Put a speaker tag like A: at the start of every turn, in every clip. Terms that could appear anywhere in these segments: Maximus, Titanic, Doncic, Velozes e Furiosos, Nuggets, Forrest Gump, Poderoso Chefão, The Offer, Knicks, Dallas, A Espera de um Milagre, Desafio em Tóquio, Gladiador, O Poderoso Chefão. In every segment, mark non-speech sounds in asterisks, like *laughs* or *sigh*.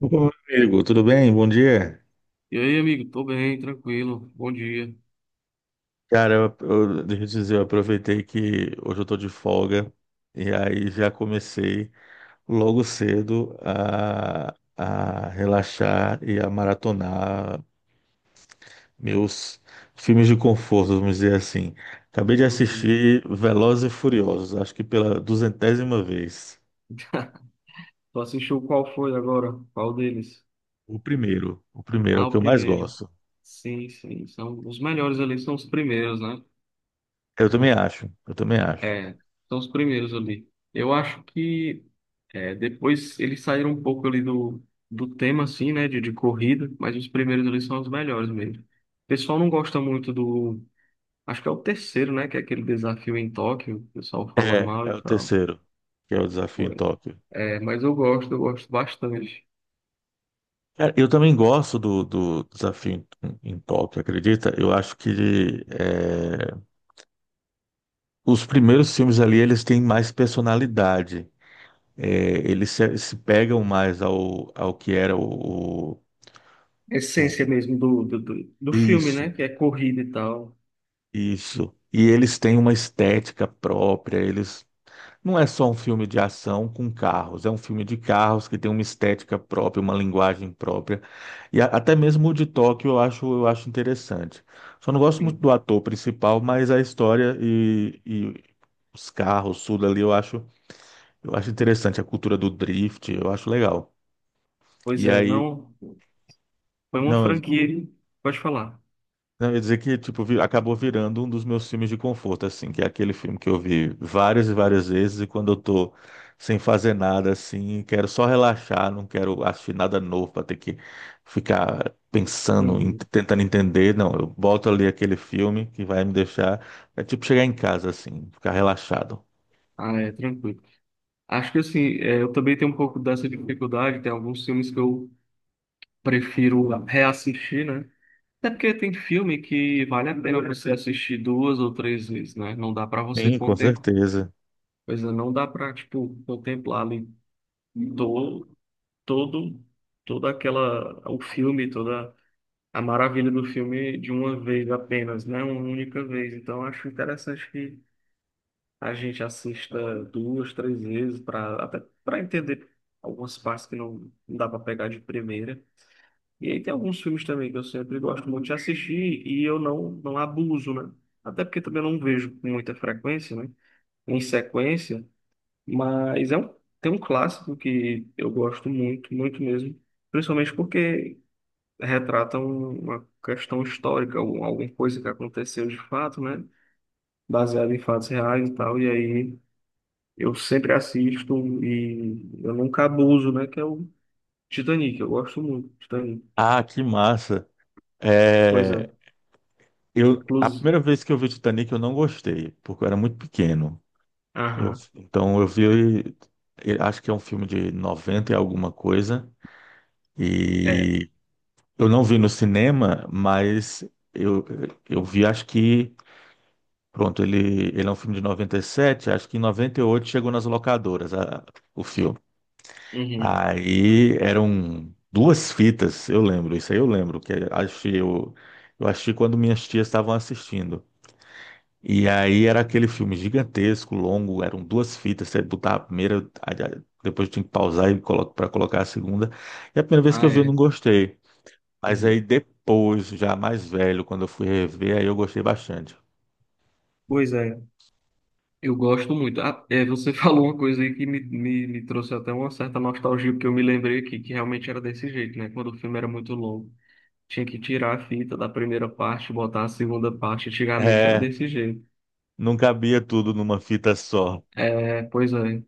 A: Ô, amigo, tudo bem? Bom dia.
B: E aí, amigo? Tô bem, tranquilo. Bom dia.
A: Cara, deixa eu te dizer, eu aproveitei que hoje eu tô de folga e aí já comecei logo cedo a relaxar e a maratonar meus filmes de conforto, vamos dizer assim. Acabei de
B: Uhum.
A: assistir Velozes e Furiosos, acho que pela 200ª vez.
B: *laughs* Tu assistiu qual foi agora? Qual deles?
A: O primeiro é o
B: Ah,
A: que
B: o
A: eu mais
B: primeiro.
A: gosto.
B: Sim. São os melhores ali, são os primeiros, né?
A: Eu também acho, eu também acho.
B: É, são os primeiros ali. Eu acho que depois eles saíram um pouco ali do tema, assim, né? De corrida, mas os primeiros ali são os melhores mesmo. O pessoal não gosta muito do. Acho que é o terceiro, né? Que é aquele desafio em Tóquio. O pessoal fala
A: É,
B: mal e
A: é o
B: tal.
A: terceiro, que é o Desafio em
B: Porém.
A: Tóquio.
B: É, mas eu gosto bastante.
A: Cara, eu também gosto do desafio em Tóquio, acredita? Eu acho que os primeiros filmes ali eles têm mais personalidade. É, eles se pegam mais ao que era
B: A essência
A: o-
B: mesmo do filme, né?
A: isso,
B: Que é corrida e tal.
A: isso. E eles têm uma estética própria. Eles Não é só um filme de ação com carros, é um filme de carros que tem uma estética própria, uma linguagem própria. E até mesmo o de Tóquio eu acho interessante. Só não gosto muito
B: Sim.
A: do ator principal, mas a história e os carros, tudo ali, eu acho interessante. A cultura do drift, eu acho legal.
B: Pois
A: E
B: é,
A: aí,
B: não. Foi uma
A: não,
B: franquia. Uhum. Pode falar.
A: não, eu ia dizer que, tipo, acabou virando um dos meus filmes de conforto, assim, que é aquele filme que eu vi várias e várias vezes, e quando eu tô sem fazer nada, assim, quero só relaxar, não quero assistir nada novo pra ter que ficar pensando,
B: Uhum.
A: tentando entender. Não, eu boto ali aquele filme que vai me deixar, é tipo chegar em casa, assim, ficar relaxado.
B: Ah, é, tranquilo. Acho que assim, é, eu também tenho um pouco dessa dificuldade. Tem alguns filmes que eu prefiro reassistir, né? Até porque tem filme que vale a pena você assistir duas ou três vezes, né? Não dá pra você
A: Sim, com
B: contemplar.
A: certeza.
B: Pois é, não dá pra, tipo, contemplar ali todo toda aquela o filme, toda a maravilha do filme de uma vez apenas, né? Uma única vez. Então eu acho interessante que a gente assista duas, três vezes para até para entender algumas partes que não dá para pegar de primeira. E aí tem alguns filmes também que eu sempre gosto muito de assistir e eu não abuso, né? Até porque também eu não vejo com muita frequência, né? Em sequência, mas é um, tem um clássico que eu gosto muito, muito mesmo. Principalmente porque uma questão histórica, ou alguma coisa que aconteceu de fato, né? Baseado em fatos reais e tal. E aí eu sempre assisto e eu nunca abuso, né? Que é o Titanic. Eu gosto muito do Titanic.
A: Ah, que massa.
B: Pois
A: É,
B: é.
A: a
B: Inclusive.
A: primeira vez que eu vi Titanic eu não gostei, porque eu era muito pequeno. Eu,
B: Aham.
A: então eu vi, eu acho que é um filme de 90 e alguma coisa,
B: É.
A: e eu não vi no cinema, mas eu, eu vi, acho que, pronto, ele é um filme de 97, acho que em 98 chegou nas locadoras o filme.
B: Uhum.
A: Aí eram duas fitas, eu lembro, isso aí eu lembro, que achei, eu achei quando minhas tias estavam assistindo. E aí era aquele filme gigantesco, longo, eram duas fitas, você botava a primeira, depois tinha que pausar e colo para colocar a segunda. E a primeira vez que
B: Ah,
A: eu vi, eu não
B: é.
A: gostei. Mas aí
B: Uhum.
A: depois, já mais velho, quando eu fui rever, aí eu gostei bastante.
B: Pois é. Eu gosto muito. Ah, é, você *laughs* falou uma coisa aí que me trouxe até uma certa nostalgia, porque eu me lembrei aqui que realmente era desse jeito, né? Quando o filme era muito longo. Tinha que tirar a fita da primeira parte, botar a segunda parte. Antigamente era
A: É,
B: desse jeito.
A: não cabia tudo numa fita só.
B: É, pois é.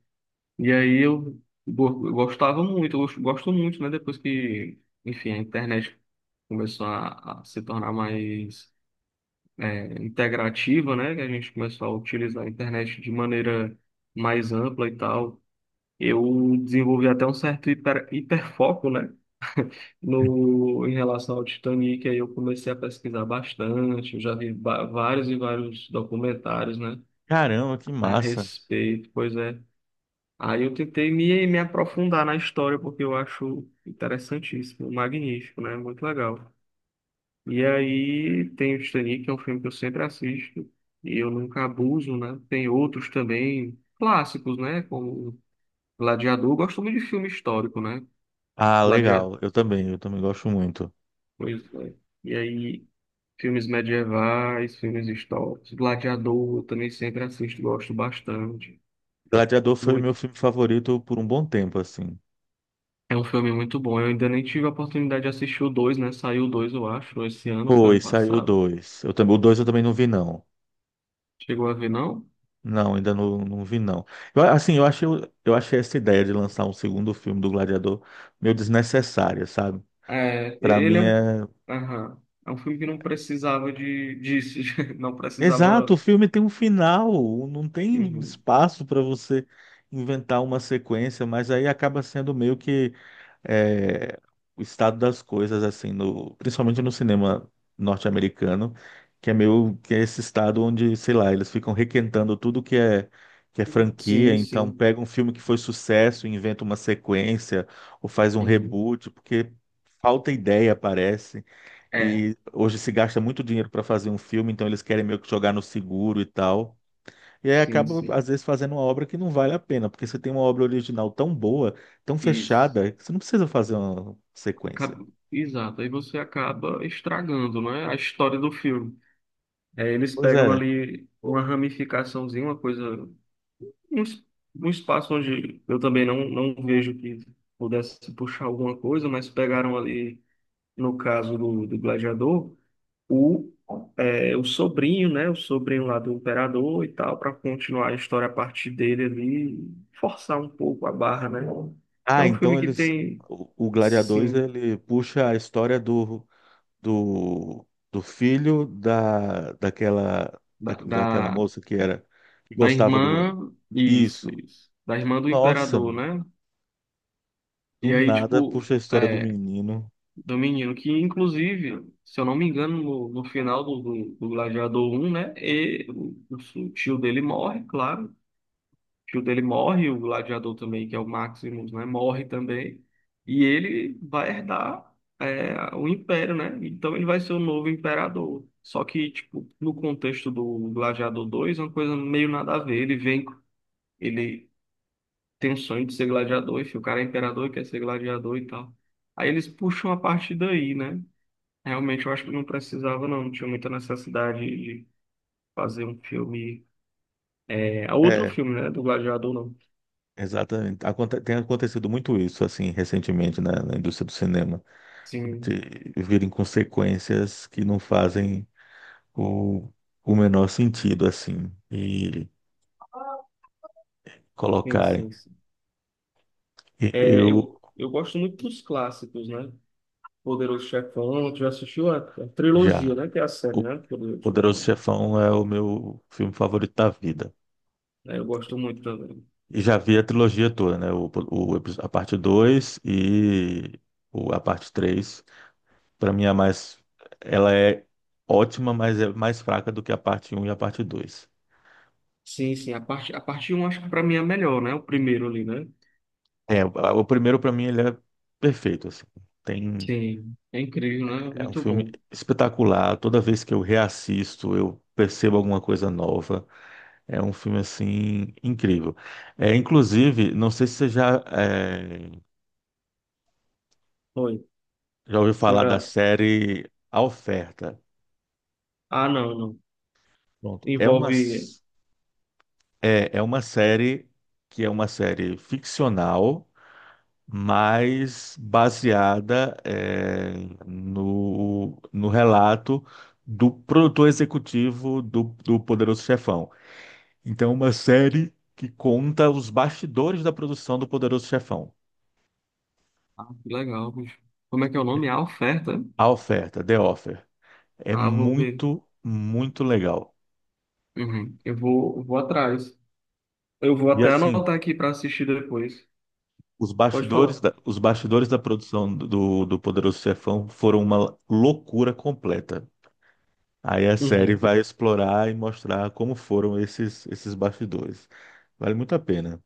B: E aí eu gostava muito, eu gosto muito, né? Depois que, enfim, a internet começou a se tornar mais integrativa, né? Que a gente começou a utilizar a internet de maneira mais ampla e tal. Eu desenvolvi até um certo hiperfoco, né? *laughs* No, Em relação ao Titanic, aí eu comecei a pesquisar bastante, eu já vários e vários documentários, né,
A: Caramba, que
B: a
A: massa.
B: respeito, pois é. Aí eu tentei me aprofundar na história, porque eu acho interessantíssimo, magnífico, né, muito legal. E aí tem o Titanic, que é um filme que eu sempre assisto, e eu nunca abuso, né, tem outros também, clássicos, né, como Gladiador, eu gosto muito de filme histórico, né,
A: Ah,
B: Gladiador.
A: legal. Eu também gosto muito.
B: Pois é. E aí, filmes medievais, filmes históricos. Gladiador, eu também sempre assisto, gosto bastante.
A: Gladiador foi o meu
B: Muito.
A: filme favorito por um bom tempo, assim.
B: É um filme muito bom. Eu ainda nem tive a oportunidade de assistir o 2, né? Saiu o 2, eu acho, esse ano, foi
A: Foi,
B: ano
A: saiu o
B: passado.
A: dois. Eu também, o dois eu também não vi, não.
B: Chegou a ver, não?
A: Não, ainda não, não vi, não. Eu, assim, eu achei essa ideia de lançar um segundo filme do Gladiador meio desnecessária, sabe?
B: É,
A: Pra
B: ele
A: mim
B: é um.
A: é.
B: Aham. É um filme que não precisava de, disso, *laughs* não
A: Exato, o
B: precisava.
A: filme tem um final, não tem
B: Uhum.
A: espaço pra você inventar uma sequência, mas aí acaba sendo meio que é o estado das coisas, assim, principalmente no cinema norte-americano, que é meio que é esse estado onde, sei lá, eles ficam requentando tudo que é franquia,
B: Sim,
A: então
B: sim.
A: pega um filme que foi sucesso, e inventa uma sequência ou faz um
B: Uhum.
A: reboot, porque falta ideia, parece.
B: É,
A: E hoje se gasta muito dinheiro para fazer um filme, então eles querem meio que jogar no seguro e tal. E aí
B: sim,
A: acaba,
B: sim.
A: às vezes, fazendo uma obra que não vale a pena, porque você tem uma obra original tão boa, tão
B: Isso.
A: fechada, que você não precisa fazer uma sequência.
B: Exato, aí você acaba estragando, né, a história do filme. É, eles
A: Pois
B: pegam
A: é.
B: ali uma ramificaçãozinha, uma coisa, um, es- um espaço onde eu também não vejo que pudesse puxar alguma coisa, mas pegaram ali, no caso do Gladiador, o, o sobrinho, né, o sobrinho lá do imperador e tal, para continuar a história a partir dele ali, forçar um pouco a barra, né? É
A: Ah,
B: um filme
A: então
B: que
A: eles.
B: tem,
A: O Gladiadores,
B: sim,
A: ele puxa a história do filho da, daquela,
B: da,
A: da, daquela
B: da-
A: moça que era, que
B: Da
A: gostava do.
B: irmã. Isso,
A: Isso.
B: isso. Da irmã do
A: Nossa,
B: imperador, né?
A: do
B: E aí,
A: nada
B: tipo,
A: puxa a história do
B: é,
A: menino.
B: do menino, que inclusive, se eu não me engano, no final do Gladiador 1, né? O tio dele morre, claro. O tio dele morre, o gladiador também, que é o Maximus, né? Morre também. E ele vai herdar o império, né? Então ele vai ser o novo imperador. Só que, tipo, no contexto do Gladiador 2, é uma coisa meio nada a ver. Ele vem. Ele tem um sonho de ser gladiador, enfim, o cara é imperador e quer ser gladiador e tal. Aí eles puxam a partir daí, né? Realmente eu acho que não precisava, não tinha muita necessidade de fazer um filme. É, é outro
A: É,
B: filme, né? Do Gladiador, não.
A: exatamente. Tem acontecido muito isso, assim, recentemente na indústria do cinema.
B: Sim,
A: Virem consequências que não fazem o, o menor sentido, assim, e
B: sim,
A: colocarem.
B: sim. sim.
A: E
B: É,
A: eu
B: eu gosto muito dos clássicos, né? Poderoso Chefão, tu já assistiu a trilogia,
A: já.
B: né? Que é a série,
A: O
B: né? Poderoso
A: Poderoso
B: Chefão.
A: Chefão é o meu filme favorito da vida.
B: É, eu gosto muito também.
A: E já vi a trilogia toda, né? A parte 2 e a parte três. Para mim, é a mais. Ela é ótima, mas é mais fraca do que a parte um e a parte dois.
B: Sim, sim, a parte um acho que pra mim é a melhor, né? O primeiro ali, né?
A: É, o primeiro, para mim, ele é perfeito, assim. Tem
B: Sim, é incrível, né?
A: É um
B: Muito
A: filme
B: bom.
A: espetacular. Toda vez que eu reassisto, eu percebo alguma coisa nova. É um filme assim incrível. É, inclusive, não sei se você
B: Foi.
A: já ouviu
B: Você
A: falar da
B: já.
A: série A Oferta.
B: Ah, não, não.
A: Pronto. É uma
B: Envolve.
A: s- é, é uma série que é uma série ficcional, mas baseada no relato do produtor executivo do Poderoso Chefão. Então, é uma série que conta os bastidores da produção do Poderoso Chefão.
B: Ah, que legal, bicho. Como é que é o nome? A oferta?
A: A Oferta, The Offer, é
B: Ah, vou ver.
A: muito, muito legal.
B: Uhum. Vou atrás. Eu vou
A: E
B: até
A: assim,
B: anotar aqui para assistir depois.
A: os
B: Pode
A: bastidores
B: falar.
A: da, os bastidores da produção do Poderoso Chefão foram uma loucura completa. Aí a série
B: Uhum.
A: vai explorar e mostrar como foram esses bastidores. Vale muito a pena.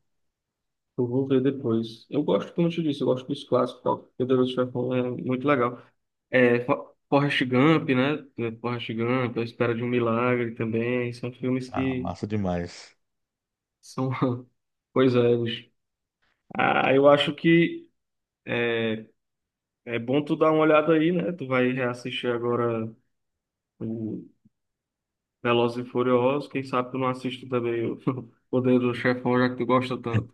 B: Eu vou ver depois. Eu gosto, como eu te disse, eu gosto dos clássicos. Tá? Poderoso Chefão é muito legal. É, Forrest Gump, né? É, Forrest Gump, A Espera de um Milagre também. São filmes
A: Ah,
B: que
A: massa demais.
B: são. *laughs* Pois é, bicho. Ah, eu acho que. É, É bom tu dar uma olhada aí, né? Tu vai reassistir agora o Velozes e Furiosos. Quem sabe tu não assiste também o *laughs* Poder do Chefão, já que tu gosta tanto.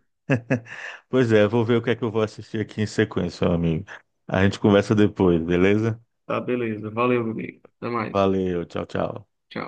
A: Pois é, vou ver o que é que eu vou assistir aqui em sequência, meu amigo. A gente conversa depois, beleza?
B: Tá, beleza. Valeu, meu amigo. Até mais.
A: Valeu, tchau, tchau.
B: Tchau.